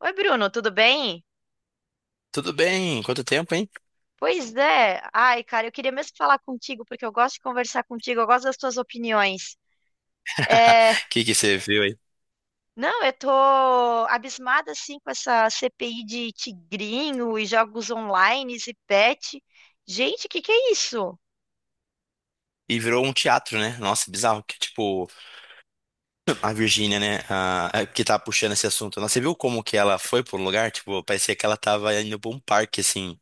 Oi, Bruno, tudo bem? Tudo bem? Quanto tempo, hein? Pois é. Ai, cara, eu queria mesmo falar contigo, porque eu gosto de conversar contigo, eu gosto das tuas opiniões. É, O que que você viu aí? não, eu tô abismada, assim, com essa CPI de tigrinho e jogos online e pet. Gente, o que que é isso? E virou um teatro, né? Nossa, bizarro que tipo a Virgínia, né, que tá puxando esse assunto. Nossa, você viu como que ela foi por um lugar? Tipo, parecia que ela tava indo pra um parque assim,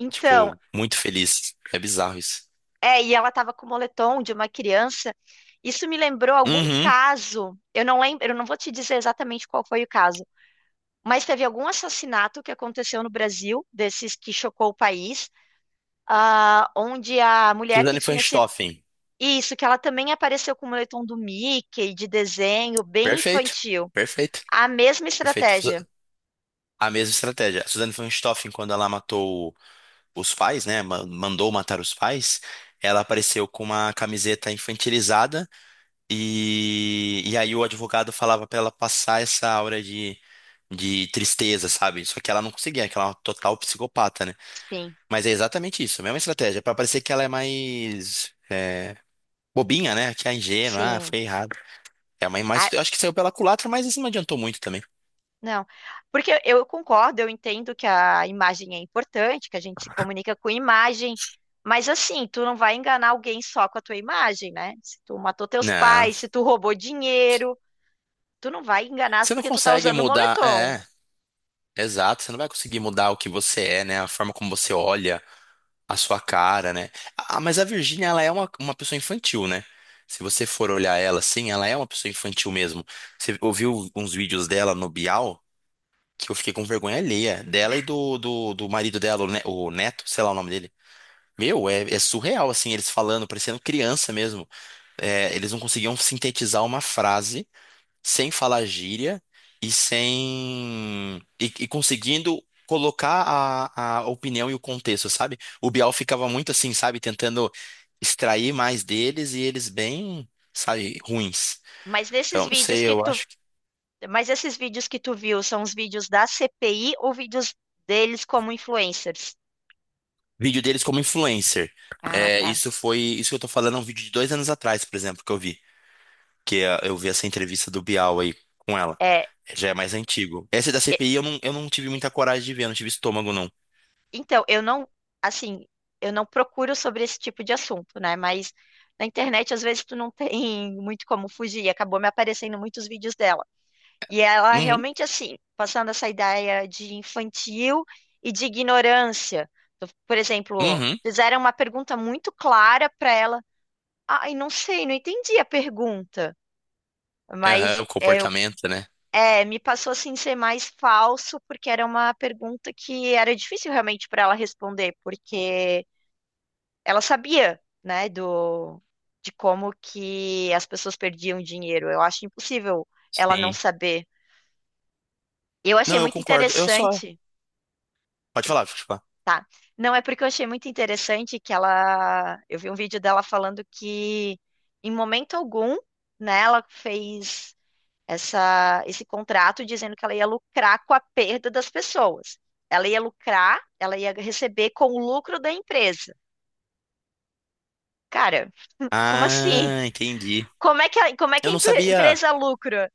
Então, tipo, muito feliz. É bizarro isso. é, e ela tava com o moletom de uma criança. Isso me lembrou algum Uhum. caso. Eu não lembro, eu não vou te dizer exatamente qual foi o caso, mas teve algum assassinato que aconteceu no Brasil, desses que chocou o país, ah, onde a mulher que Suzane von tinha se. Richthofen. Isso, que ela também apareceu com o moletom do Mickey, de desenho, bem Perfeito. infantil. Perfeito. A mesma Perfeito. estratégia. A mesma estratégia. A Suzane von Richthofen, quando ela matou os pais, né, mandou matar os pais, ela apareceu com uma camiseta infantilizada. E aí o advogado falava pra ela passar essa aura de tristeza, sabe? Só que ela não conseguia, que ela é uma total psicopata, né? Sim, Mas é exatamente isso, a mesma estratégia, pra parecer que ela é mais bobinha, né? Que é ingênua, ah, sim. foi errado. É, mas, Ah, mas eu acho que saiu pela culatra, mas isso não adiantou muito também. não. Porque eu concordo, eu entendo que a imagem é importante, que a gente se comunica com imagem, mas assim, tu não vai enganar alguém só com a tua imagem, né? Se tu matou teus Não, pais, se tu roubou dinheiro, tu não vai enganar você não porque tu tá consegue usando mudar, moletom. Exato, você não vai conseguir mudar o que você é, né? A forma como você olha, a sua cara, né? Ah, mas a Virgínia, ela é uma pessoa infantil, né? Se você for olhar ela assim, ela é uma pessoa infantil mesmo. Você ouviu uns vídeos dela no Bial, que eu fiquei com vergonha alheia, dela e do marido dela, o Neto, sei lá o nome dele. Meu, é surreal, assim, eles falando, parecendo criança mesmo. É, eles não conseguiam sintetizar uma frase sem falar gíria e sem e conseguindo colocar a opinião e o contexto, sabe? O Bial ficava muito assim, sabe, tentando extrair mais deles e eles bem, sabe, ruins. Mas nesses Então, não vídeos sei, que eu tu acho que Mas esses vídeos que tu viu são os vídeos da CPI ou vídeos deles como influencers? vídeo deles como influencer. Ah, É, tá. isso foi, isso que eu tô falando é um vídeo de 2 anos atrás, por exemplo, que eu vi, eu vi essa entrevista do Bial aí com ela. É, Já é mais antigo. Essa da e- CPI eu não tive muita coragem de ver, não tive estômago, não. então, eu não, assim, eu não procuro sobre esse tipo de assunto, né? Mas na internet, às vezes, tu não tem muito como fugir. Acabou me aparecendo muitos vídeos dela. E ela Uhum, realmente, assim, passando essa ideia de infantil e de ignorância. Por exemplo, uhum. fizeram uma pergunta muito clara para ela. Ai, não sei, não entendi a pergunta. Mas Aham, o é, eu comportamento, né? É, me passou assim ser mais falso, porque era uma pergunta que era difícil realmente para ela responder, porque ela sabia, né, do de como que as pessoas perdiam dinheiro. Eu acho impossível ela não Sim. saber. Eu achei Não, eu muito concordo. Eu só. interessante, Pode falar, pode falar. tá? Não é porque eu achei muito interessante que ela, eu vi um vídeo dela falando que em momento algum, né, ela fez essa, esse contrato dizendo que ela ia lucrar com a perda das pessoas. Ela ia lucrar, ela ia receber com o lucro da empresa. Cara, como assim? Ah, entendi. Como é que a, como é que Eu a não empre- sabia. empresa lucra?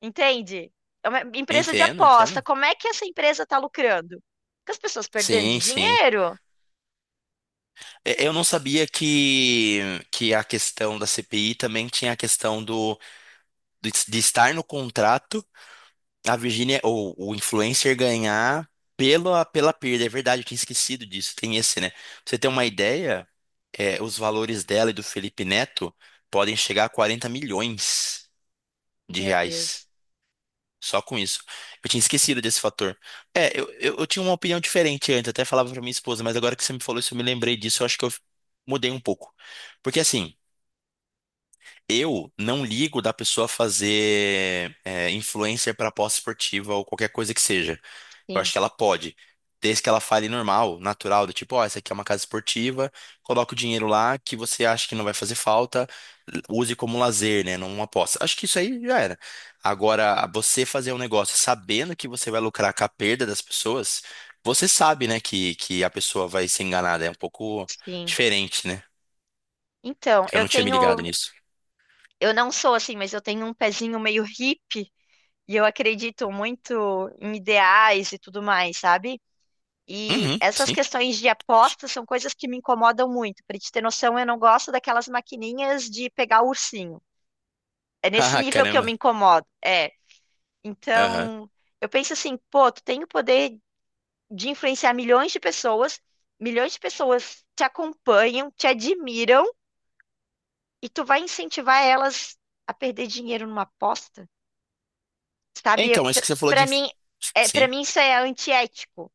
Entende? É uma empresa de Entendo, aposta. entendo. Como é que essa empresa está lucrando? Com as pessoas perdendo Sim, sim. dinheiro? Eu não sabia que a questão da CPI também tinha a questão de estar no contrato, a Virgínia, ou o influencer ganhar pela perda. É verdade, eu tinha esquecido disso. Tem esse, né? Pra você ter uma ideia, os valores dela e do Felipe Neto podem chegar a quarenta milhões de Meu reais. Deus. Só com isso. Eu tinha esquecido desse fator. É, eu tinha uma opinião diferente antes, até falava pra minha esposa, mas agora que você me falou isso, eu me lembrei disso, eu acho que eu mudei um pouco. Porque assim, eu não ligo da pessoa fazer influencer para aposta esportiva ou qualquer coisa que seja. Eu Sim, acho que ela pode, desde que ela fale normal, natural, do tipo, ó, essa aqui é uma casa esportiva, coloca o dinheiro lá que você acha que não vai fazer falta, use como lazer, né? Não uma aposta. Acho que isso aí já era. Agora, você fazer um negócio sabendo que você vai lucrar com a perda das pessoas, você sabe, né, que a pessoa vai ser enganada. É um pouco sim. diferente, né? Então, Eu eu não tinha me ligado tenho, nisso. eu não sou assim, mas eu tenho um pezinho meio hippie e eu acredito muito em ideais e tudo mais, sabe? E Uhum, essas sim. questões de apostas são coisas que me incomodam muito. Para te ter noção, eu não gosto daquelas maquininhas de pegar o ursinho. É nesse Ah, nível que eu me caramba. incomodo. É. Aham. Então, eu penso assim, pô, tu tem o poder de influenciar milhões de pessoas te acompanham, te admiram, e tu vai incentivar elas a perder dinheiro numa aposta, É, sabe? então, mas isso que você falou Para mim, é, para Sim. mim isso é antiético.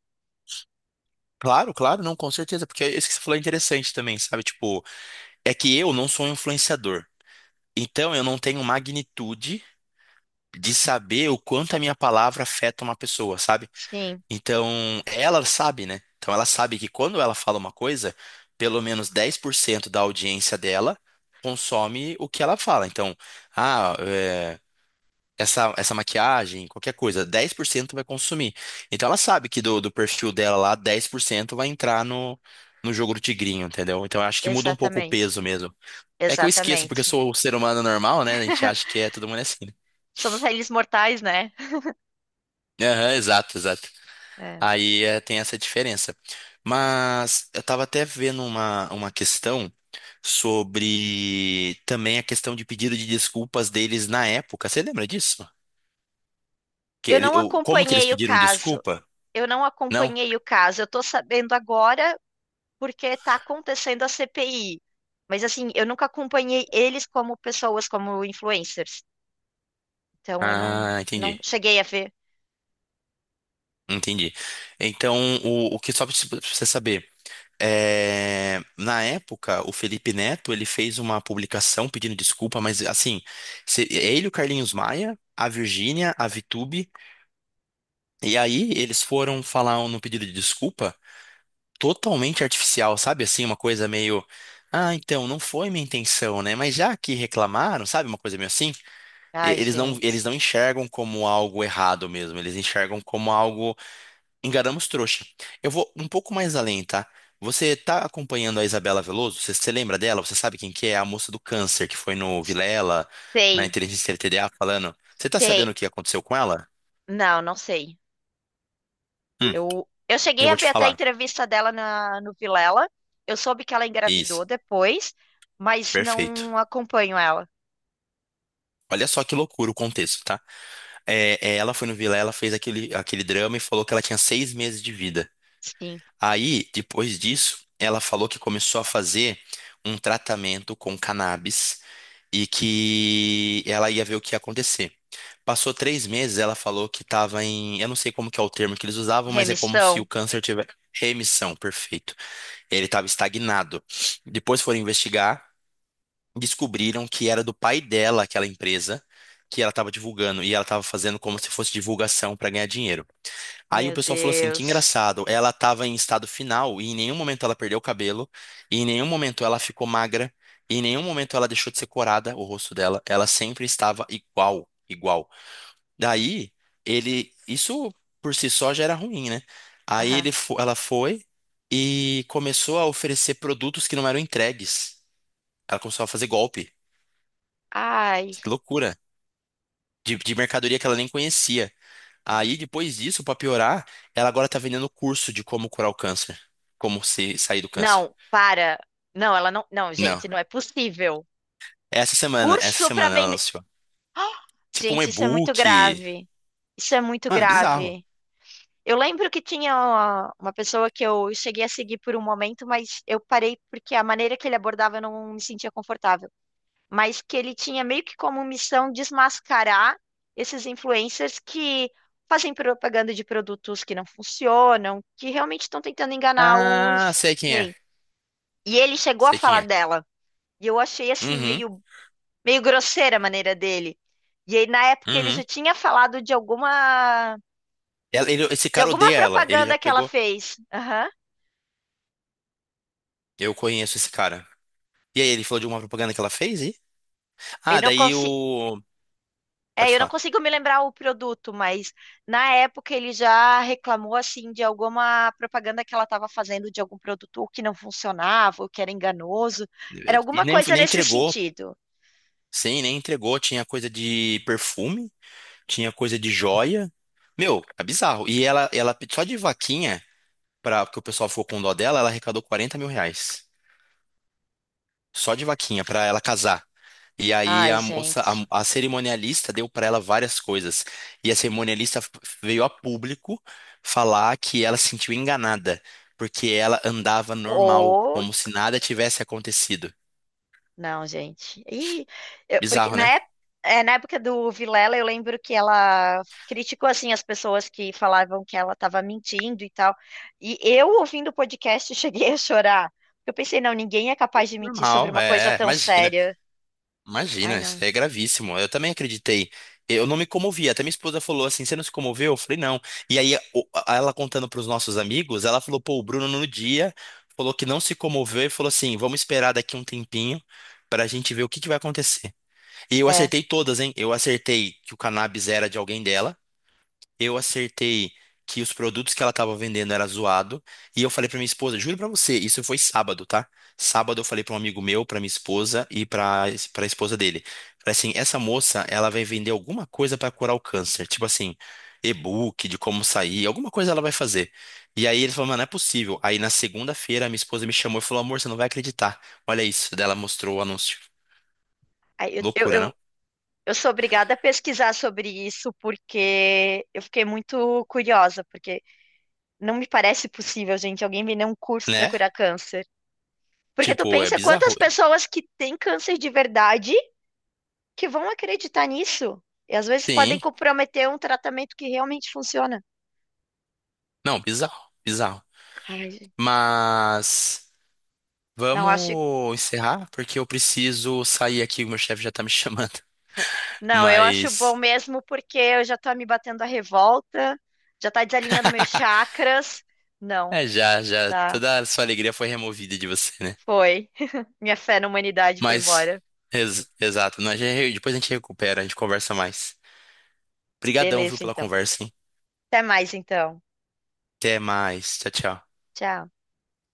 Claro, claro, não, com certeza, porque isso que você falou é interessante também, sabe? Tipo, é que eu não sou um influenciador. Então eu não tenho magnitude de saber o quanto a minha palavra afeta uma pessoa, sabe? Sim, Então ela sabe, né? Então ela sabe que quando ela fala uma coisa, pelo menos 10% da audiência dela consome o que ela fala. Então, ah, essa maquiagem, qualquer coisa, 10% vai consumir. Então ela sabe que do perfil dela lá, 10% vai entrar no jogo do tigrinho, entendeu? Então eu acho que muda um pouco o exatamente. peso mesmo. É que eu esqueço, porque eu Exatamente. sou um ser humano normal, né? A gente acha que é todo mundo é assim, né? Somos réis mortais, né? Aham, exato, exato. É. Aí tem essa diferença. Mas eu tava até vendo uma questão sobre também a questão de pedido de desculpas deles na época. Você lembra disso? Que Eu não como que eles acompanhei o pediram caso. desculpa? Eu não Não? acompanhei o caso. Eu tô sabendo agora porque tá acontecendo a CPI. Mas assim, eu nunca acompanhei eles como pessoas, como influencers. Então eu não, Ah, não entendi. cheguei a ver. Entendi. Então, o que só pra você saber, na época, o Felipe Neto, ele fez uma publicação pedindo desculpa, mas assim, ele, o Carlinhos Maia, a Virgínia, a Vitube, e aí eles foram falar no pedido de desculpa totalmente artificial, sabe? Assim, uma coisa meio, ah, então, não foi minha intenção, né? Mas já que reclamaram, sabe? Uma coisa meio assim, Ai, eles não, eles gente. não enxergam como algo errado mesmo, eles enxergam como algo. Enganamos trouxa. Eu vou um pouco mais além, tá? Você tá acompanhando a Isabela Veloso? Você lembra dela? Você sabe quem que é? A moça do câncer que foi no Vilela, na Sei, Inteligência LTDA falando. Você tá sabendo sei. o que aconteceu com ela? Não, não sei. Hum, Eu cheguei eu a vou te ver até a falar. entrevista dela na, no Vilela. Eu soube que ela Isso, engravidou depois, mas não perfeito. acompanho ela. Olha só que loucura o contexto, tá? Ela foi no Vilela, fez aquele drama e falou que ela tinha 6 meses de vida. Sim, Aí, depois disso, ela falou que começou a fazer um tratamento com cannabis e que ela ia ver o que ia acontecer. Passou 3 meses, ela falou que estava em. Eu não sei como que é o termo que eles usavam, mas é como se o remissão. câncer tivesse remissão, perfeito. Ele estava estagnado. Depois foram investigar, descobriram que era do pai dela aquela empresa que ela estava divulgando, e ela estava fazendo como se fosse divulgação para ganhar dinheiro. Aí o Meu pessoal falou assim, que Deus. engraçado, ela estava em estado final e em nenhum momento ela perdeu o cabelo, e em nenhum momento ela ficou magra, e em nenhum momento ela deixou de ser corada, o rosto dela, ela sempre estava igual, igual. Daí, isso por si só já era ruim, né? Aí Aham. Ela foi e começou a oferecer produtos que não eram entregues. Ela começou a fazer golpe. Ai. Que loucura. De mercadoria que ela nem conhecia. Aí, depois disso, pra piorar, ela agora tá vendendo curso de como curar o câncer. Como se sair do câncer. Não, para. Não, ela não. Não, Não. gente, não é possível. Essa semana, essa Curso para semana ela vender. lançou. Tipo um Gente, isso é muito e-book. grave. Isso é muito Mano, é bizarro. grave. Eu lembro que tinha uma pessoa que eu cheguei a seguir por um momento, mas eu parei porque a maneira que ele abordava eu não me sentia confortável, mas que ele tinha meio que como missão desmascarar esses influencers que fazem propaganda de produtos que não funcionam, que realmente estão tentando enganar Ah, os sei quem é. clientes. E ele chegou a Sei quem falar é. dela, e eu achei assim Uhum, meio grosseira a maneira dele. E aí na época ele uhum. já tinha falado Esse de cara alguma odeia ela. Ele já propaganda que ela pegou. fez. Aham. Eu conheço esse cara. E aí, ele falou de uma propaganda que ela fez e... Eu Ah, não daí consi o... Pode É, eu não falar. consigo me lembrar o produto, mas na época ele já reclamou assim de alguma propaganda que ela estava fazendo de algum produto que não funcionava, ou que era enganoso. Era E alguma nem, coisa nem nesse entregou. sentido. Sim, nem entregou. Tinha coisa de perfume. Tinha coisa de joia. Meu, é bizarro. E ela só de vaquinha, porque o pessoal ficou com dó dela, ela arrecadou R$ 40 mil. Só de vaquinha, pra ela casar. E aí Ai, a moça, gente. a cerimonialista deu pra ela várias coisas. E a cerimonialista veio a público falar que ela se sentiu enganada, porque ela andava normal, como se nada tivesse acontecido. Não, gente. E porque Bizarro, né? Na época do Vilela, eu lembro que ela criticou assim as pessoas que falavam que ela estava mentindo e tal. E eu ouvindo o podcast cheguei a chorar. Eu pensei, não, ninguém é capaz de mentir sobre Normal, uma coisa tão imagina. séria. Ai, Imagina, isso não. é gravíssimo. Eu também acreditei. Eu não me comovi. Até minha esposa falou assim: você não se comoveu? Eu falei, não. E aí, ela contando para os nossos amigos, ela falou: pô, o Bruno no dia falou que não se comoveu e falou assim: vamos esperar daqui um tempinho para a gente ver o que que vai acontecer. E eu É. acertei todas, hein? Eu acertei que o cannabis era de alguém dela. Eu acertei que os produtos que ela estava vendendo era zoado. E eu falei pra minha esposa, juro pra você, isso foi sábado, tá? Sábado eu falei pra um amigo meu, pra minha esposa e pra para esposa dele. Falei assim, essa moça, ela vai vender alguma coisa pra curar o câncer, tipo assim, e-book de como sair, alguma coisa ela vai fazer. E aí ele falou, mano, não é possível. Aí na segunda-feira minha esposa me chamou e falou, amor, você não vai acreditar. Olha isso. Daí ela mostrou o anúncio. Aí Loucura, não? Eu sou obrigada a pesquisar sobre isso porque eu fiquei muito curiosa, porque não me parece possível, gente, alguém vender um curso para Né? curar câncer. Porque tu Tipo, é pensa quantas bizarro. pessoas que têm câncer de verdade que vão acreditar nisso. E às vezes podem Sim. comprometer um tratamento que realmente funciona. Não, bizarro. Bizarro. Ai, gente, Mas não acho, vamos encerrar, porque eu preciso sair aqui, o meu chefe já tá me chamando. não, eu acho bom Mas mesmo porque eu já tá me batendo a revolta, já tá desalinhando meus chakras. Não, já, já, tá. toda a sua alegria foi removida de você, né? Foi. Minha fé na humanidade foi Mas, embora. exato, nós já, depois a gente recupera, a gente conversa mais. Obrigadão, viu, Beleza, pela então. conversa, hein? Até mais, então. Até mais, tchau, tchau. Tchau.